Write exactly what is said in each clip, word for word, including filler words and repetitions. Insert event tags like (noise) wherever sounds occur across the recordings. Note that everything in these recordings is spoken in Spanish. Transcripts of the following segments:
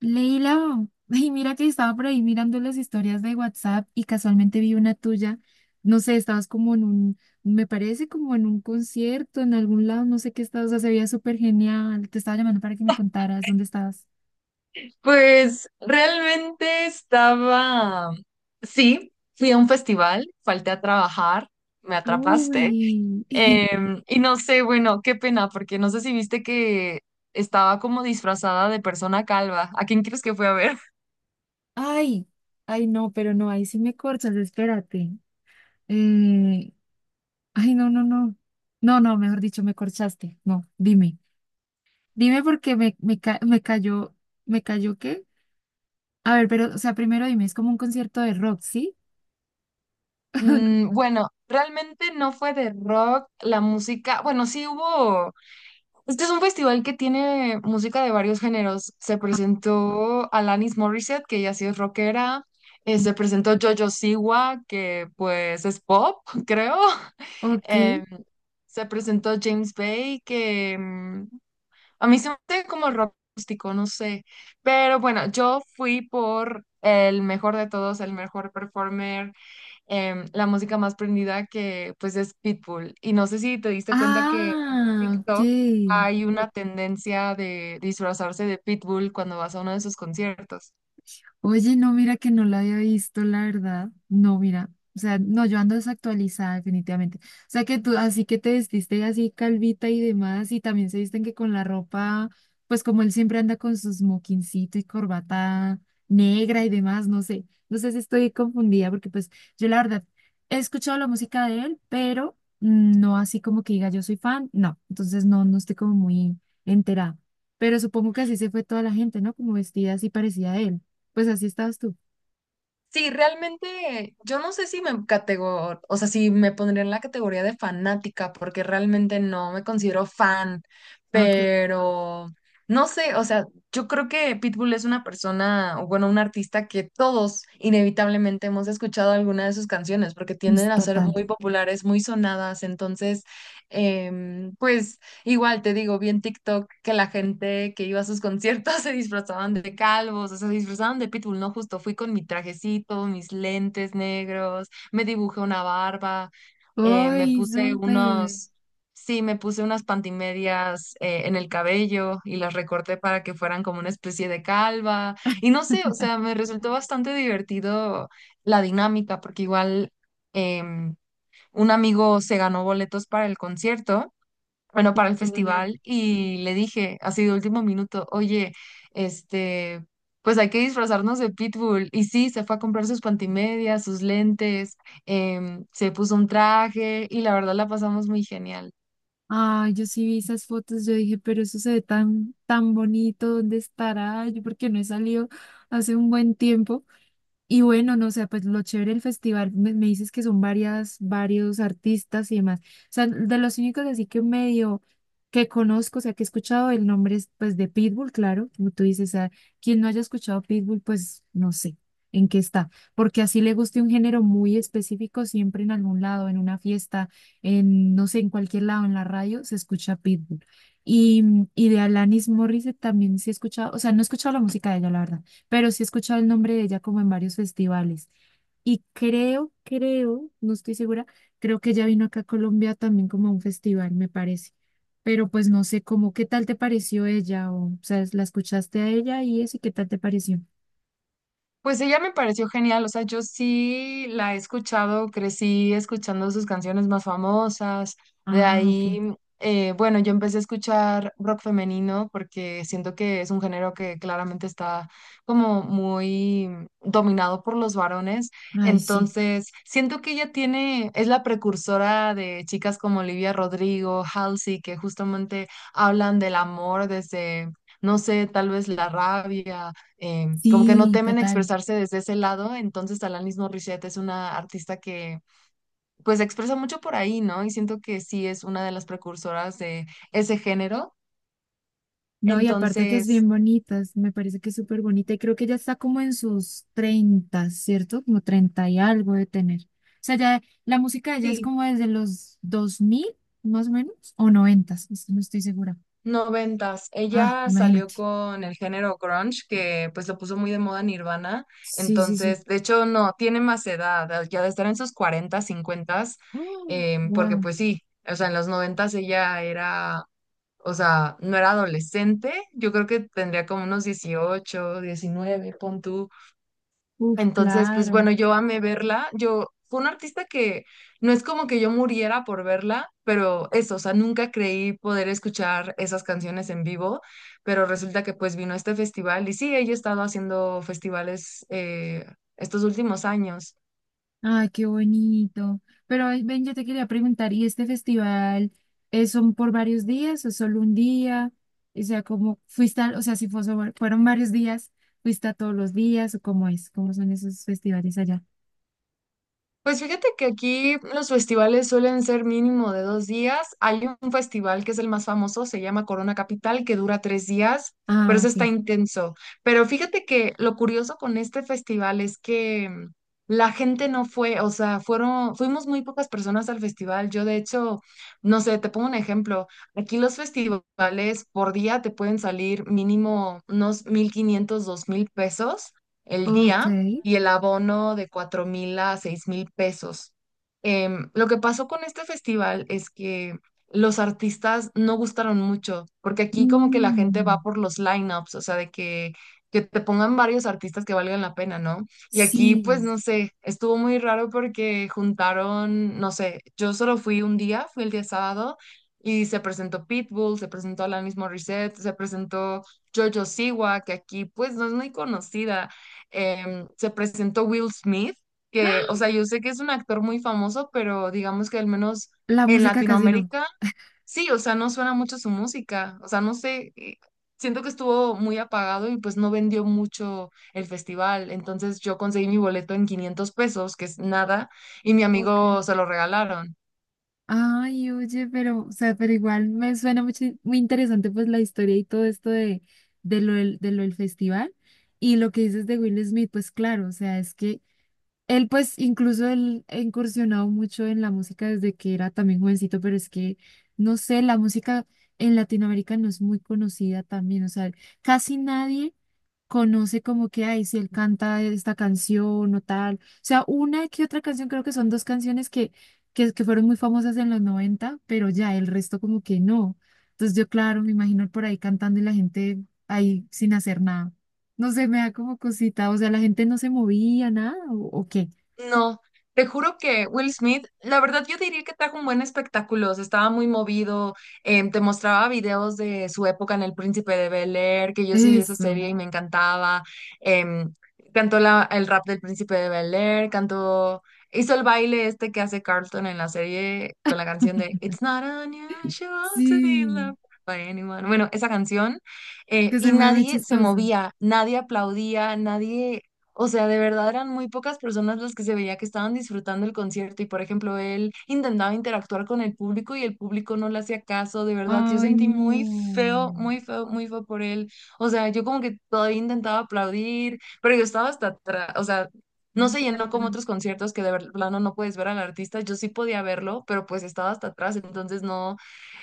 Leila, (laughs) ay, mira que estaba por ahí mirando las historias de WhatsApp y casualmente vi una tuya. No sé, estabas como en un, me parece como en un concierto, en algún lado, no sé qué estabas, o sea, se veía súper genial. Te estaba llamando para que me contaras dónde estabas. Pues realmente estaba, sí, fui a un festival, falté a trabajar, me atrapaste. Uy, em, Y no sé, bueno, qué pena, porque no sé si viste que estaba como disfrazada de persona calva. ¿A quién crees que fue a ver? (laughs) (laughs) ay, ay, no, pero no, ahí sí me corchas, espérate. Eh, Ay, no, no, no. No, no, mejor dicho, me corchaste. No, dime. Dime porque me, me, ca- me cayó, ¿me cayó qué? A ver, pero, o sea, primero dime, ¿es como un concierto de rock, sí? (laughs) Mm, bueno, realmente no fue de rock, la música, bueno, sí hubo. Este es un festival que tiene música de varios géneros. Se Ah, presentó Alanis Morissette, que ya sí es rockera. Eh, se presentó Jojo Siwa, que pues es pop, (laughs) creo. ok. Em, Se presentó James Bay, que mm, a mí se me hace como rock acústico, no sé. Pero bueno, yo fui por el mejor de todos, el mejor performer, em, la música más prendida, que pues es Pitbull. Y no sé si te diste cuenta que en Ah, ok. TikTok hay una tendencia de disfrazarse de Pitbull cuando vas a uno de sus conciertos. Oye, no, mira que no la había visto, la verdad. No, mira. O sea, no, yo ando desactualizada definitivamente. O sea, que tú así que te vestiste así calvita y demás, y también se visten que con la ropa, pues como él siempre anda con su smokincito y corbata negra y demás, no sé. No sé si estoy confundida, porque pues yo la verdad he escuchado la música de él, pero mm, no así como que diga yo soy fan, no. Entonces no, no estoy como muy enterada. Pero supongo que así se fue toda la gente, ¿no? Como vestida así parecida a él. Pues así estabas tú. Sí, realmente yo no sé si me categor, o sea, si me pondría en la categoría de fanática, porque realmente no me considero fan, Ah, ok, pero no sé, o sea, yo creo que Pitbull es una persona, o bueno, un artista que todos inevitablemente hemos escuchado alguna de sus canciones, porque es tienden a ser total. muy populares, muy sonadas. Entonces, em, pues... Igual te digo, vi en TikTok que la gente que iba a sus conciertos (laughs) se disfrazaban de calvos, o sea, se disfrazaban de Pitbull, ¿no? Justo fui con mi trajecito, mis lentes negros, me dibujé una barba, eh, me ¡Uy, puse súper! unos, sí, me puse unas pantimedias eh, en el cabello, y las recorté para que fueran como una especie de calva. Y no sé, o (laughs) sea, me resultó bastante divertido la dinámica, porque igual em, un amigo se ganó boletos para el concierto, bueno, para el Qué genial. festival, y le dije, así de último minuto, oye, este, pues hay que disfrazarnos de Pitbull. Y sí, se fue a comprar sus pantimedias, sus lentes, em, se puso un traje y la verdad la pasamos muy genial. Ay, yo sí vi esas fotos, yo dije, pero eso se ve tan, tan bonito, ¿dónde estará? Yo porque no he salido hace un buen tiempo. Y bueno, no sé, pues lo chévere del festival, me, me dices que son varias, varios artistas y demás. O sea, de los únicos así que medio que conozco, o sea, que he escuchado el nombre es pues de Pitbull, claro, como tú dices, a quien no haya escuchado Pitbull, pues no sé en qué está, porque así le guste un género muy específico, siempre en algún lado, en una fiesta, en no sé, en cualquier lado, en la radio, se escucha Pitbull. Y, y de Alanis Morissette también sí he escuchado, o sea, no he escuchado la música de ella, la verdad, pero sí he escuchado el nombre de ella como en varios festivales. Y creo, creo, no estoy segura, creo que ella vino acá a Colombia también como a un festival, me parece. Pero pues no sé cómo, ¿qué tal te pareció ella? O, o sea, ¿la escuchaste a ella y eso? ¿Y qué tal te pareció? Pues ella me pareció genial, o sea, yo sí la he escuchado, crecí escuchando sus canciones más famosas. De Ah, ok. ahí, eh, bueno, yo empecé a escuchar rock femenino porque siento que es un género que claramente está como muy dominado por los varones, Ay, sí. entonces siento que ella tiene, es la precursora de chicas como Olivia Rodrigo, Halsey, que justamente hablan del amor desde... No sé, tal vez la rabia, eh, como que no Sí, temen total. expresarse desde ese lado, entonces Alanis Morissette es una artista que pues se expresa mucho por ahí, ¿no? Y siento que sí es una de las precursoras de ese género. No, y aparte que es Entonces, bien bonita, es- me parece que es súper bonita y creo que ya está como en sus treinta, ¿cierto? Como treinta y algo de tener. O sea, ya la música de ella es sí, como desde los dos mil más o menos, o noventa, no estoy segura. noventas. Ah, Ella salió imagínate. con el género grunge, que pues lo puso muy de moda Nirvana. Sí, sí, sí. Entonces, de hecho, no, tiene más edad, ya de estar en sus cuarentas, cincuentas, (gasps) em, porque Wow. pues sí, o sea, en los noventas ella era, o sea, no era adolescente, yo creo que tendría como unos dieciocho, diecinueve, pon tú. Uf, Entonces, pues claro. bueno, yo amé verla, yo fue un artista que no es como que yo muriera por verla, pero eso, o sea, nunca creí poder escuchar esas canciones en vivo, pero resulta que pues vino este festival y sí, ella ha estado haciendo festivales eh, estos últimos años. Ay, qué bonito. Pero ay, ven, yo te quería preguntar, ¿y este festival es son por varios días o solo un día? O sea, ¿cómo fuiste al- o sea, si fue sobre- fueron varios días, fuiste a todos los días o cómo es? ¿Cómo son esos festivales allá? Pues fíjate que aquí los festivales suelen ser mínimo de dos días. Hay un festival que es el más famoso, se llama Corona Capital, que dura tres días, pero Ah, eso está ok. intenso. Pero fíjate que lo curioso con este festival es que mm, la gente no fue, o sea, fueron, fuimos muy pocas personas al festival. Yo, de hecho, no sé, te pongo un ejemplo. Aquí los festivales por día te pueden salir mínimo unos mil quinientos, dos mil pesos el Ok. día, y el abono de cuatro mil a seis mil pesos. Em, lo que pasó con este festival es que los artistas no gustaron mucho, porque aquí como que la gente va Mm, por los lineups, o sea, de que, que te pongan varios artistas que valgan la pena, ¿no? Y aquí, sí. pues, no sé, estuvo muy raro porque juntaron, no sé, yo solo fui un día, fui el día sábado, y se presentó Pitbull, se presentó Alanis Morissette, se presentó Jojo Siwa, que aquí, pues, no es muy conocida. Em, se presentó Will Smith, que, o sea, ¡Ah! yo sé que es un actor muy famoso, pero digamos que al menos La en música casi no. Latinoamérica, sí, o sea, no suena mucho su música, o sea, no sé. Eh, siento que estuvo muy apagado y pues no vendió mucho el festival, entonces yo conseguí mi boleto en quinientos pesos, que es nada, y mi Ok. amigo se lo regalaron. Ay, oye, pero, o sea, pero igual me suena mucho, muy interesante pues la historia y todo esto de, de lo del, de lo del festival. Y lo que dices de Will Smith, pues claro, o sea, es que él pues incluso él ha incursionado mucho en la música desde que era también jovencito, pero es que, no sé, la música en Latinoamérica no es muy conocida también, o sea, casi nadie conoce como que, ay, si él canta esta canción o tal, o sea, una que otra canción, creo que son dos canciones que, que, que fueron muy famosas en los noventa, pero ya el resto como que no. Entonces yo, claro, me imagino por ahí cantando y la gente ahí sin hacer nada. No sé, me da como cosita, o sea, la gente no se movía, nada, o, o qué. No, te juro que Will Smith, la verdad yo diría que trajo un buen espectáculo, o sea, estaba muy movido. Em, te mostraba videos de su época en El Príncipe de Bel-Air, que yo sí vi esa Eso. serie y me encantaba. em, cantó la- el rap del Príncipe de Bel-Air, cantó, hizo el baile este que hace Carlton en la serie con la canción de (laughs) It's not unusual to be Sí, loved by anyone. Bueno, esa canción, eh, que se y mueve nadie se chistoso. movía, nadie aplaudía, nadie, o sea, de verdad eran muy pocas personas las que se veía que estaban disfrutando el concierto y, por ejemplo, él intentaba interactuar con el público y el público no le hacía caso, de verdad. Yo Ay, sentí muy feo, no. muy feo, muy feo por él. O sea, yo como que todavía intentaba aplaudir, pero yo estaba hasta atrás, o sea, no se llenó como (laughs) otros conciertos que de ver- plano no puedes ver al artista. Yo sí podía verlo, pero pues estaba hasta atrás, entonces no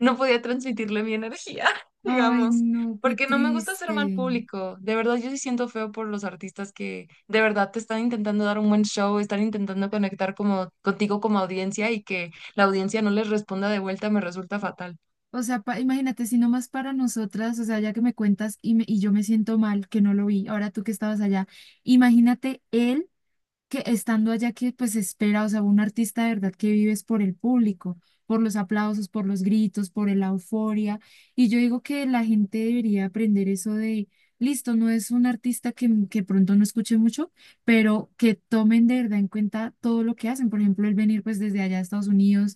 no podía transmitirle mi energía, (laughs) Ay, digamos, no, qué porque no me gusta hacer mal triste. público. De verdad, yo sí siento feo por los artistas que de verdad te están intentando dar un buen show, están intentando conectar como contigo como audiencia y que la audiencia no les responda de vuelta, me resulta fatal. O sea, pa- imagínate, si nomás para nosotras, o sea, ya que me cuentas y, me- y yo me siento mal que no lo vi, ahora tú que estabas allá, imagínate él que estando allá que pues espera, o sea, un artista de verdad que vives por el público, por los aplausos, por los gritos, por la euforia. Y yo digo que la gente debería aprender eso de, listo, no es un artista que, que pronto no escuche mucho, pero que tomen de verdad en cuenta todo lo que hacen. Por ejemplo, el venir pues desde allá a Estados Unidos,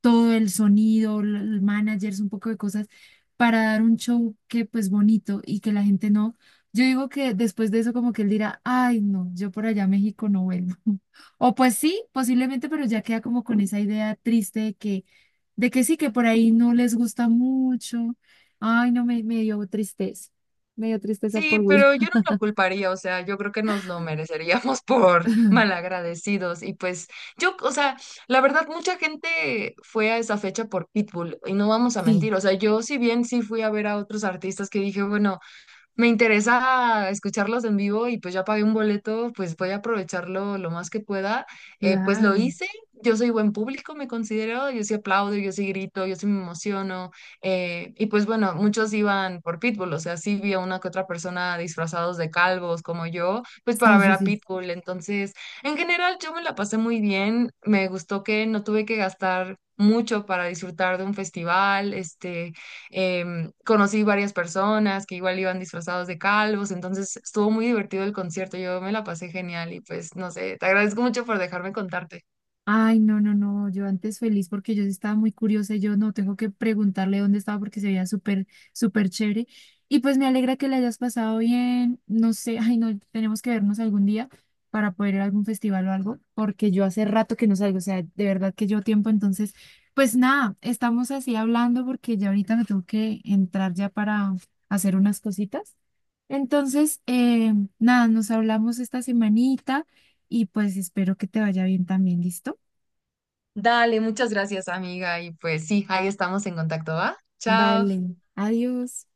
todo el sonido, l- el managers, un poco de cosas para dar un show que pues bonito y que la gente no, yo digo que después de eso como que él dirá, ay, no, yo por allá a México no vuelvo. (laughs) O pues sí, posiblemente, pero ya queda como con esa idea triste de que, de que sí, que por ahí no les gusta mucho. Ay, no, me, me dio tristeza. Me dio tristeza por Sí, Will. pero yo no lo culparía, o sea, yo creo que nos lo mereceríamos (laughs) por (laughs) malagradecidos y pues yo, o sea, la verdad, mucha gente fue a esa fecha por Pitbull y no vamos a Sí, mentir, o sea, yo si bien sí fui a ver a otros artistas, que dije, bueno, me interesa escucharlos en vivo y pues ya pagué un boleto, pues voy a aprovecharlo lo más que pueda. Eh, pues lo claro. hice, yo soy buen público, me considero, yo sí aplaudo, yo sí grito, yo sí me emociono. Eh, y pues bueno, muchos iban por Pitbull, o sea, sí vi a una que otra persona disfrazados de calvos como yo, pues para Sí, ver sí, a sí. Pitbull. Entonces, en general yo me la pasé muy bien, me gustó que no tuve que gastar mucho para disfrutar de un festival, este... Em, conocí varias personas que igual iban disfrazados de calvos, entonces estuvo muy divertido el concierto, yo me la pasé genial y pues no sé, te agradezco mucho por dejarme contarte. Ay, no, no, no, yo antes feliz porque yo sí estaba muy curiosa y yo no tengo que preguntarle dónde estaba porque se veía súper, súper chévere. Y pues me alegra que le hayas pasado bien, no sé, ay, no, tenemos que vernos algún día para poder ir a algún festival o algo, porque yo hace rato que no salgo, o sea, de verdad que llevo tiempo, entonces, pues nada, estamos así hablando porque ya ahorita me tengo que entrar ya para hacer unas cositas. Entonces, eh, nada, nos hablamos esta semanita y pues espero que te vaya bien también, ¿listo? Dale, muchas gracias amiga y pues sí, ahí estamos en contacto, ¿va? Chao. Vale, adiós.